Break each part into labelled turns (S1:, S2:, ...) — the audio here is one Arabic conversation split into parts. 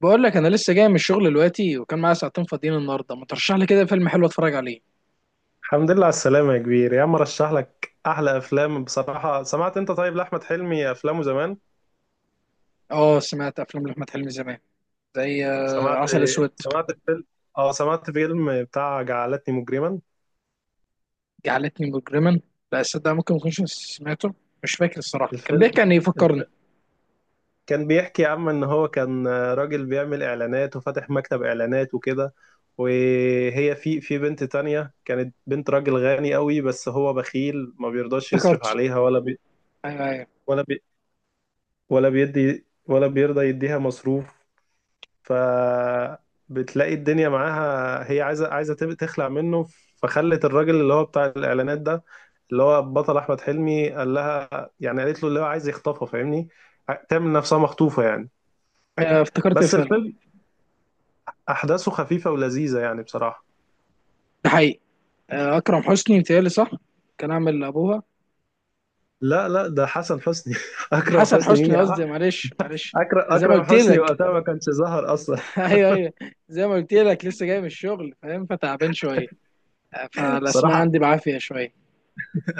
S1: بقول لك انا لسه جاي من الشغل دلوقتي، وكان معايا ساعتين فاضيين النهارده. ما ترشح لي كده فيلم حلو اتفرج عليه؟
S2: الحمد لله على السلامة يا كبير، يا عم رشح لك أحلى أفلام بصراحة. سمعت أنت طيب لأحمد حلمي أفلامه زمان؟
S1: اه، سمعت افلام لاحمد حلمي زمان. زي
S2: سمعت
S1: عسل اسود.
S2: سمعت فيلم، أه سمعت فيلم بتاع جعلتني مجرما.
S1: جعلتني مجرما. لا صدق، ممكن ما اكونش سمعته. مش فاكر الصراحه، كان
S2: الفيلم
S1: بيحكي عن ايه؟
S2: الف...
S1: فكرني.
S2: كان بيحكي يا عم إن هو كان راجل بيعمل إعلانات، وفاتح مكتب إعلانات وكده. وهي في بنت تانية كانت بنت راجل غني قوي، بس هو بخيل ما بيرضاش يصرف
S1: افتكرته.
S2: عليها
S1: ايوه، ايوه.
S2: ولا بي... ولا بيدي، ولا بيرضى يديها مصروف. فبتلاقي الدنيا معاها، هي عايزه تخلع منه. فخلت الراجل اللي هو بتاع الاعلانات ده، اللي هو بطل احمد حلمي، قال لها يعني، قالت له اللي هو عايز يخطفها فاهمني، تعمل نفسها مخطوفه يعني.
S1: افتكرت
S2: بس
S1: الفيلم.
S2: الفيلم احداثه خفيفه ولذيذه يعني بصراحه.
S1: ده حقيقي. اكرم حسني متهيألي، صح؟ كان عامل ابوها.
S2: لا لا، ده حسن حسني. اكرم
S1: حسن
S2: حسني مين
S1: حسني
S2: يا عم؟
S1: قصدي، معلش معلش.
S2: اكرم
S1: زي ما
S2: اكرم
S1: قلت
S2: حسني
S1: لك.
S2: وقتها ما كانش ظهر اصلا.
S1: ايوه، ايوه. زي ما قلت لك، لسه جاي من الشغل فاهم، فتعبان شويه. فالاسماء
S2: بصراحه
S1: عندي بعافيه شويه.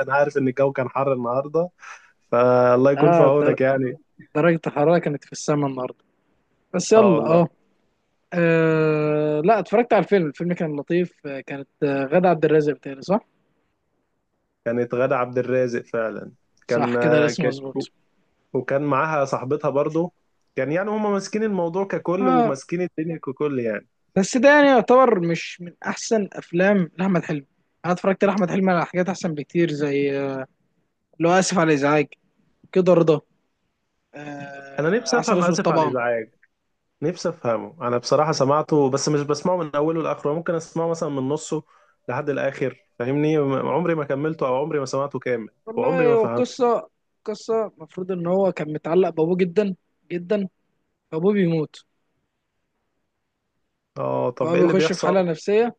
S2: انا عارف ان الجو كان حر النهارده، فالله يكون في
S1: اه،
S2: عونك يعني.
S1: درجة الحرارة كانت في السماء النهاردة. بس
S2: اه
S1: يلا
S2: والله.
S1: اه. لا، اتفرجت على الفيلم كان لطيف. كانت غادة عبد الرازق بتاعي، صح؟
S2: كانت غادة عبد الرازق فعلا.
S1: صح
S2: كان
S1: كده، الاسم
S2: كانت
S1: مظبوط.
S2: وكان معاها صاحبتها برضو. كان يعني هما ماسكين الموضوع ككل،
S1: اه.
S2: وماسكين الدنيا ككل يعني.
S1: بس ده يعني يعتبر مش من احسن افلام لاحمد حلمي. انا اتفرجت لاحمد حلمي على حاجات احسن بكتير، زي لو اسف على الازعاج، كده رضا،
S2: انا نفسي
S1: عسل
S2: افهم
S1: اسود
S2: اسف على
S1: طبعا.
S2: الازعاج، نفسي افهمه. انا بصراحة سمعته بس مش بسمعه من اوله لاخره، ممكن اسمعه مثلا من نصه لحد الاخر فاهمني، عمري ما كملته او عمري ما سمعته كامل، وعمري
S1: والله،
S2: ما
S1: هو
S2: فهمته.
S1: القصة. قصة المفروض ان هو كان متعلق بابوه جدا. جدا. فابوه بيموت.
S2: اه طب
S1: فهو
S2: ايه اللي
S1: بيخش في
S2: بيحصل؟
S1: حالة نفسية.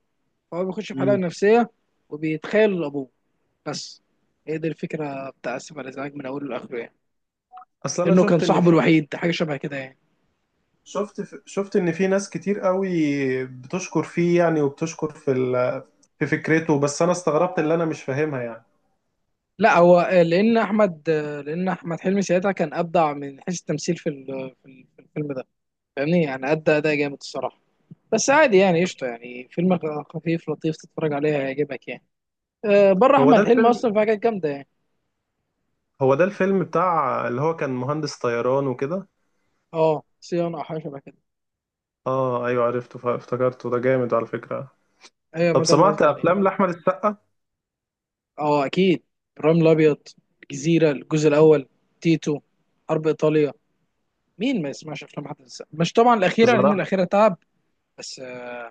S1: فهو بيخش في حلقة
S2: مم.
S1: نفسية. وبيتخيل لأبوه. بس. هي دي الفكرة بتاع آسف على الإزعاج من أوله لآخره يعني.
S2: اصل انا
S1: لأنه كان
S2: شفت ان
S1: صاحبه
S2: في،
S1: الوحيد، حاجة شبه كده يعني.
S2: شفت ان في ناس كتير قوي بتشكر فيه يعني، وبتشكر في فكرته، بس انا استغربت اللي انا مش فاهمها يعني.
S1: لا، هو لأن أحمد حلمي ساعتها كان أبدع من حيث التمثيل في ال- آه، في ال- في الفيلم ده. فاهمني، يعني أدى أداء جامد الصراحة. بس عادي يعني قشطة، يعني فيلم خفيف لطيف تتفرج عليه هيعجبك يعني. بره
S2: هو ده
S1: أحمد حلمي
S2: الفيلم
S1: أصلا في حاجات جامدة يعني.
S2: هو ده الفيلم بتاع اللي هو كان مهندس طيران وكده.
S1: أه، صيانة أو حاجة شبه كده.
S2: اه ايوه عرفته، افتكرته، ده جامد على فكرة.
S1: هي ما
S2: طب
S1: ده اللي
S2: سمعت
S1: قصدي عليه.
S2: افلام لاحمد السقا؟
S1: اه، اكيد. ابراهيم الابيض. الجزيره الجزء الاول. تيتو. حرب ايطاليا. مين ما يسمعش افلام احمد السقا؟ مش طبعا الاخيره، لان
S2: بصراحة،
S1: الاخيره تعب. بس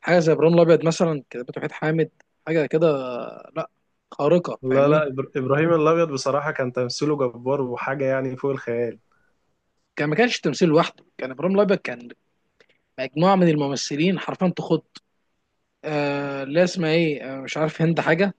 S1: حاجه زي ابراهيم الابيض مثلا، كتابته وحيد حامد. حاجه كده. لا، خارقه
S2: لا
S1: فاهمني.
S2: لا، ابراهيم الابيض بصراحة كان تمثيله جبار وحاجة يعني فوق الخيال.
S1: كان ما كانش تمثيل لوحده، كان ابراهيم الابيض كان مجموعه من الممثلين حرفيا تخض. لا، اسمها ايه؟ مش عارف، هند حاجه.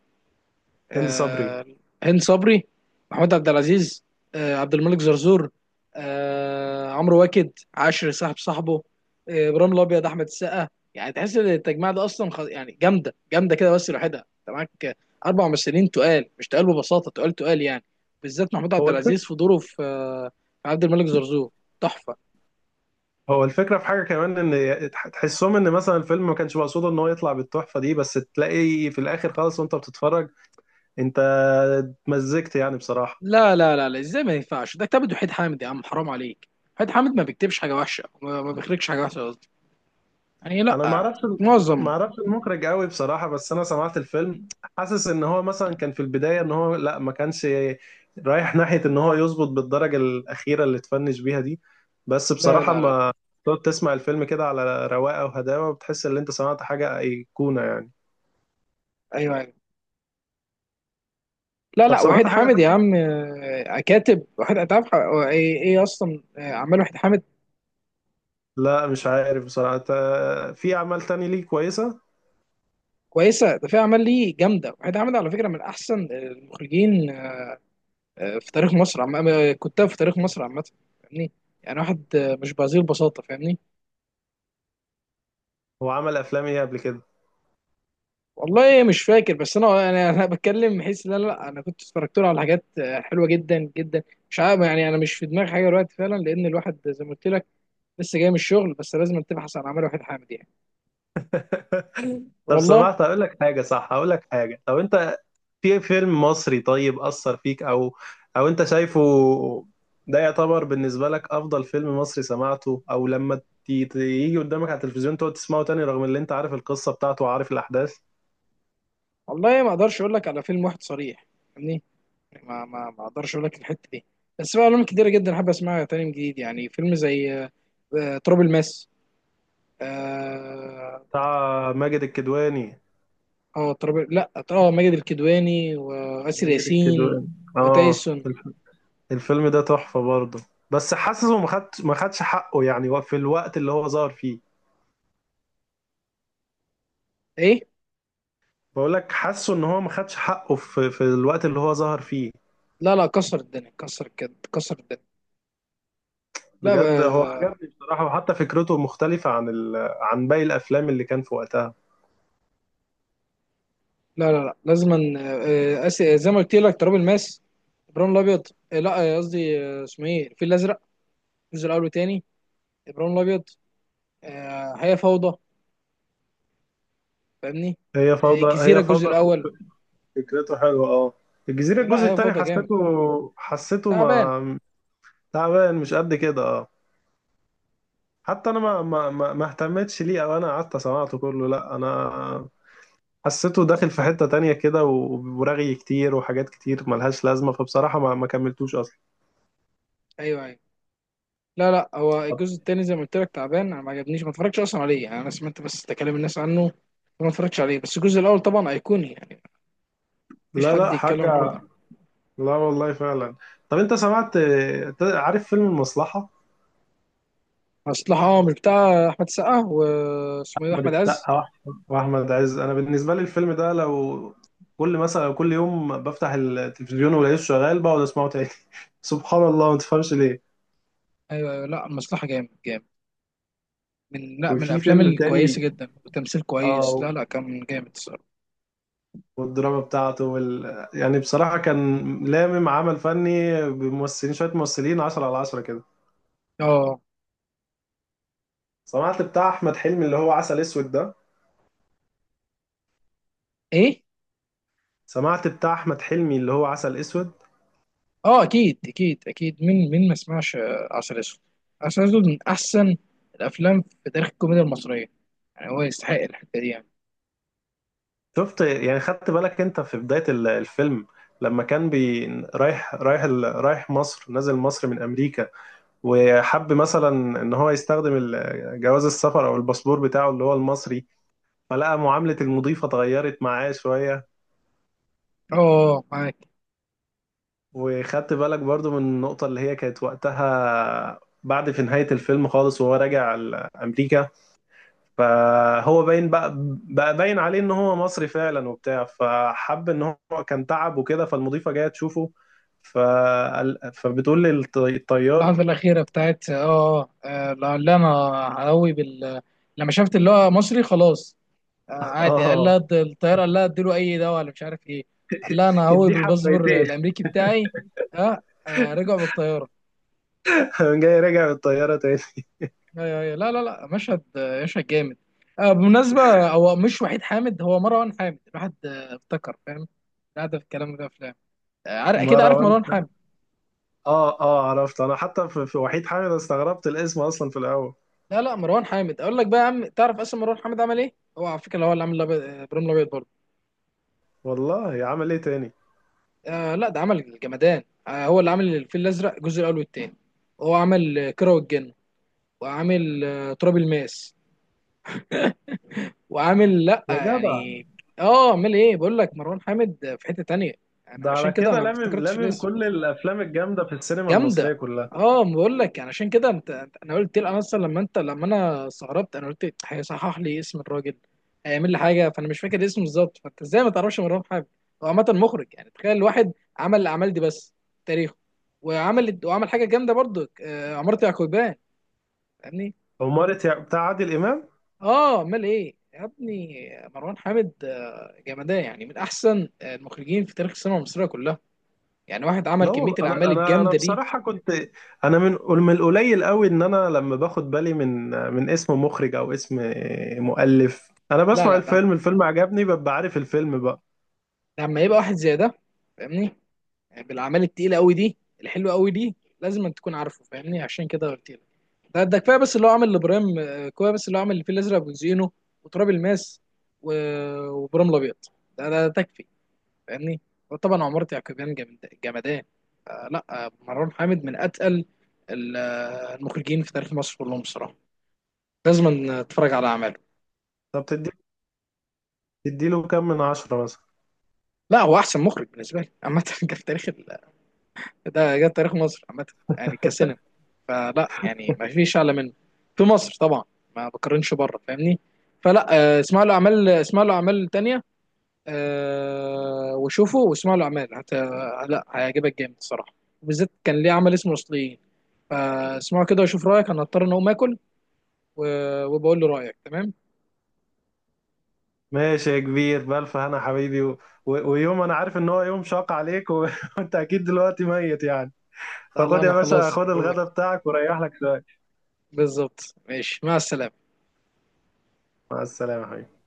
S2: هندي صبري.
S1: آه، هند صبري. محمود عبد العزيز. عبد الملك زرزور. عمرو واكد عاشر صاحب صاحبه. ابراهيم الابيض، احمد السقا. يعني تحس ان التجميع ده اصلا يعني جامده جامده كده، بس لوحدها انت معاك اربع ممثلين تقال، مش تقال ببساطه، تقال تقال يعني. بالذات محمود عبد
S2: هو الف...
S1: العزيز في دوره في عبد الملك زرزور، تحفه.
S2: هو الفكرة في حاجة كمان، ان تحسهم ان مثلا الفيلم ما كانش مقصود ان هو يطلع بالتحفة دي، بس تلاقي في الاخر خالص وانت بتتفرج انت اتمزجت يعني بصراحة.
S1: لا، لا، لا، لا، ازاي ما ينفعش، ده كتاب وحيد حامد يا عم، حرام عليك. وحيد حامد ما بيكتبش حاجه وحشه، ما بيخرجش حاجه وحشه قصدي. يعني
S2: انا ما
S1: لا.
S2: اعرفش،
S1: معظم.
S2: ما اعرفش المخرج قوي بصراحة، بس انا سمعت الفيلم حاسس ان هو مثلا كان في البداية ان هو لا، ما كانش رايح ناحية ان هو يظبط بالدرجة الاخيرة اللي اتفنش بيها دي. بس
S1: لا،
S2: بصراحة
S1: لا، لا، لا.
S2: ما، تقعد تسمع الفيلم كده على رواقة وهداوة بتحس ان انت سمعت حاجة ايقونة يعني.
S1: ايوه، ايوه. لا،
S2: طب
S1: لا، وحيد
S2: سمعت حاجة،
S1: حامد يا عم، كاتب وحيد. انت عارف إيه اصلا اعمال وحيد حامد؟
S2: لا مش عارف بصراحة، في أعمال تاني ليه كويسة.
S1: كويسه، ده في اعمال ليه جامده. وحيد حامد على فكره من احسن المخرجين في تاريخ مصر، عم آه، كتاب في تاريخ مصر عامه. فاهمني. يعني واحد مش بهذه البساطه، فاهمني.
S2: هو عمل أفلام إيه قبل كده؟
S1: والله مش فاكر، بس انا بتكلم بحيث، لا، لا، انا كنت اتفرجت له على حاجات حلوه جدا جدا. مش عارف يعني، انا مش في دماغي حاجه دلوقتي فعلا، لان الواحد زي ما قلت لك لسه جاي من الشغل. بس لازم تبحث عن اعمال وحيد حامد يعني.
S2: طب
S1: والله.
S2: أقول لك حاجة صح، أقول لك حاجة، طب أنت في فيلم مصري طيب أثر فيك، أو أنت شايفه ده يعتبر بالنسبة لك أفضل فيلم مصري سمعته، أو لما يجي قدامك على التلفزيون تقعد تسمعه تاني، رغم اللي أنت عارف القصة بتاعته وعارف الأحداث؟
S1: والله ما اقدرش اقول لك على فيلم واحد صريح، يعني، ما اقدرش اقول لك الحته دي. بس في افلام كتيره جدا حابب اسمعها تاني من جديد، يعني فيلم زي تراب الماس. اه.
S2: بتاع ماجد الكدواني؟
S1: تراب، لا، ماجد الكدواني واسر
S2: ماجد
S1: ياسين
S2: الكدواني، آه.
S1: وتايسون.
S2: الفيلم ده تحفة برضه، بس حاسه ما خدش حقه يعني في الوقت اللي هو ظهر فيه.
S1: ايه؟
S2: بقول لك حاسه ان هو ما خدش حقه في الوقت اللي هو ظهر فيه.
S1: لا، لا، كسر الدنيا، كسر الدنيا. لا،
S2: بجد هو عجبني بصراحة، وحتى فكرته مختلفة عن باقي الافلام اللي كان في وقتها.
S1: لا، لا، لا. لازم زي ما قلت لك، تراب الماس، ابراهيم الابيض، لا، قصدي، اسمه ايه، الفيل الازرق الجزء الاول والتاني، ابراهيم الابيض، هي فوضى. فاهمني.
S2: هي فوضى،
S1: الجزيره
S2: هي
S1: الجزء
S2: فوضى
S1: الاول.
S2: فكرته حلوة اه. الجزيرة
S1: لا،
S2: الجزء
S1: هي
S2: التاني
S1: فاضيه جامد.
S2: حسيته
S1: تعبان.
S2: ما تعبان مش قد كده اه. حتى انا ما اهتمتش ليه، او انا قعدت سمعته كله. لا انا حسيته داخل في حتة تانية كده، ورغي كتير وحاجات كتير ملهاش لازمة، فبصراحة ما كملتوش أصلا.
S1: ايوه، ايوه، لا، لا، هو
S2: طب،
S1: الجزء التاني زي ما قلت لك تعبان. انا ما عجبنيش، ما اتفرجتش اصلا عليه، يعني انا سمعت بس تكلم الناس عنه وما اتفرجتش عليه. بس الجزء الاول طبعا ايقوني يعني، مفيش
S2: لا
S1: حد
S2: لا
S1: يتكلم عن الحوار
S2: حاجة،
S1: ده.
S2: لا والله فعلا. طب أنت عارف فيلم المصلحة؟
S1: مصلحه؟ اه، مش بتاع احمد السقا واسمه ايه ده؟
S2: أحمد
S1: احمد عز.
S2: السقا وأحمد عز، أنا بالنسبة لي الفيلم ده لو كل مثلا كل يوم بفتح التلفزيون ولاقيه شغال بقعد أسمعه تاني. سبحان الله، ما تفهمش ليه.
S1: ايوه، ايوه، لا مصلحه جامد جامد. من، لا، من
S2: وفي
S1: الافلام
S2: فيلم
S1: الكويسه
S2: تاني
S1: جدا وتمثيل كويس،
S2: اه،
S1: لا، لا، كان جامد الصراحه.
S2: والدراما بتاعته يعني بصراحة كان لامم عمل فني بممثلين، شوية ممثلين 10 على 10 كده.
S1: اه،
S2: سمعت بتاع أحمد حلمي اللي هو عسل أسود ده؟
S1: ايه؟
S2: سمعت بتاع أحمد حلمي اللي هو عسل أسود؟
S1: اه، اكيد اكيد اكيد، مين ما سمعش عسل اسود؟ عسل اسود من احسن الافلام في تاريخ الكوميديا المصريه. يعني هو يستحق الحته دي يعني.
S2: شفت يعني، خدت بالك أنت في بداية الفيلم، لما كان رايح مصر، نازل مصر من أمريكا، وحب مثلا إن هو يستخدم جواز السفر أو الباسبور بتاعه اللي هو المصري، فلقى معاملة المضيفة اتغيرت معاه شوية.
S1: اه، معاك.
S2: وخدت بالك برضو من النقطة اللي هي كانت وقتها، بعد في نهاية الفيلم خالص وهو راجع أمريكا، فهو باين بقى، بقى باين عليه إن هو مصري فعلا وبتاع، فحب إن هو كان تعب وكده، فالمضيفة جاية تشوفه، فبتقول للطيار.
S1: اللحظه الاخيره بتاعت لعل انا هقوي بال، لما شفت اللي هو مصري خلاص. عادي قال لها
S2: اه
S1: الطياره قال لها اديله اي دواء ولا مش عارف ايه. قال لها انا هقوي
S2: ادي
S1: بالباسبور
S2: حبيتين.
S1: الامريكي بتاعي. ها، رجعوا بالطياره.
S2: جاي راجع بالطيارة تاني.
S1: ايوه، ايوه، لا، لا، لا، مشهد جامد. بمناسبة، هو مش وحيد حامد، هو مروان حامد. الواحد افتكر، فاهم. قاعدة في الكلام ده، افلام. عارف اكيد، عارف
S2: مروان،
S1: مروان حامد.
S2: اه عرفت انا، حتى في وحيد حامد استغربت الاسم اصلا في الاول.
S1: لا، لا، مروان حامد اقول لك بقى يا عم، تعرف اصلا مروان حامد عمل ايه؟ هو على فكرة، هو اللي عامل ابراهيم الابيض برضه.
S2: والله عمل ايه تاني
S1: لا، ده عمل الجمدان. هو اللي عامل الفيل الازرق الجزء الاول والثاني. هو عامل كيرة والجن. وعامل تراب الماس. وعامل، لا
S2: يا جدع؟
S1: يعني، اه، عامل ايه بقول لك. مروان حامد في حتة تانية، يعني
S2: ده على
S1: عشان كده
S2: كده
S1: انا ما
S2: لامم
S1: افتكرتش
S2: لامم
S1: الاسم.
S2: كل الافلام الجامده في السينما
S1: جامده.
S2: المصريه كلها.
S1: اه، ما بقول لك يعني، عشان كده انا قلت لك، انا اصلا لما لما انا استغربت، انا قلت هيصحح لي اسم الراجل، هيعمل لي حاجه، فانا مش فاكر اسمه بالظبط. فانت ازاي ما تعرفش مروان حامد؟ هو عامه مخرج، يعني تخيل واحد عمل الاعمال دي بس في تاريخه. وعمل حاجه جامده برضو، عمارة يعقوبيان. فاهمني.
S2: عمارة بتاع عادل امام.
S1: اه، امال ايه يا ابني! مروان حامد جمدان، يعني من احسن المخرجين في تاريخ السينما المصريه كلها. يعني واحد عمل
S2: لا
S1: كميه
S2: والله، انا
S1: الاعمال
S2: انا انا
S1: الجامده دي.
S2: بصراحه كنت، انا من القليل قوي ان انا لما باخد بالي من اسم مخرج او اسم مؤلف، انا
S1: لا،
S2: بسمع
S1: لا، لا،
S2: الفيلم عجبني ببقى عارف الفيلم بقى.
S1: لما يبقى واحد زي ده، فاهمني، يعني بالاعمال التقيله قوي دي الحلوه قوي دي لازم أن تكون عارفه، فاهمني؟ عشان كده قلت لك، ده كفايه بس اللي هو عامل لابراهيم، كفايه بس اللي هو عامل الفيل الازرق وزينو وتراب الماس و- وابراهيم الابيض. ده تكفي، فاهمني. وطبعا عمارة يعقوبيان جمدان. لا، مروان حامد من اتقل المخرجين في تاريخ مصر كلهم بصراحه. لازم تتفرج على اعماله.
S2: طب تديله كام من عشرة مثلا؟
S1: لا، هو احسن مخرج بالنسبه لي عامه. جه في تاريخ ده، جه في تاريخ مصر عامه، يعني كسنة، فلا يعني ما فيش اعلى منه في مصر طبعا، ما بقارنش بره فاهمني. فلا، اسمعوا له اعمال، اسمعوا له اعمال تانية، وشوفوا واسمعوا له اعمال لا، هيعجبك جامد الصراحه. وبالذات كان ليه عمل اسمه الاصليين. فاسمعوا كده وشوف رايك. انا هضطر ان اقوم اكل و... وبقول له رايك تمام.
S2: ماشي يا كبير، بالف هنا حبيبي، ويوم انا عارف ان هو يوم شاق عليك، وانت اكيد دلوقتي ميت يعني،
S1: لا، لا،
S2: فخد
S1: انا
S2: يا باشا
S1: خلاص يا
S2: خد
S1: دوبك.
S2: الغدا بتاعك وريح لك شويه.
S1: بالظبط، ماشي، مع السلامه.
S2: مع السلامه يا حبيبي.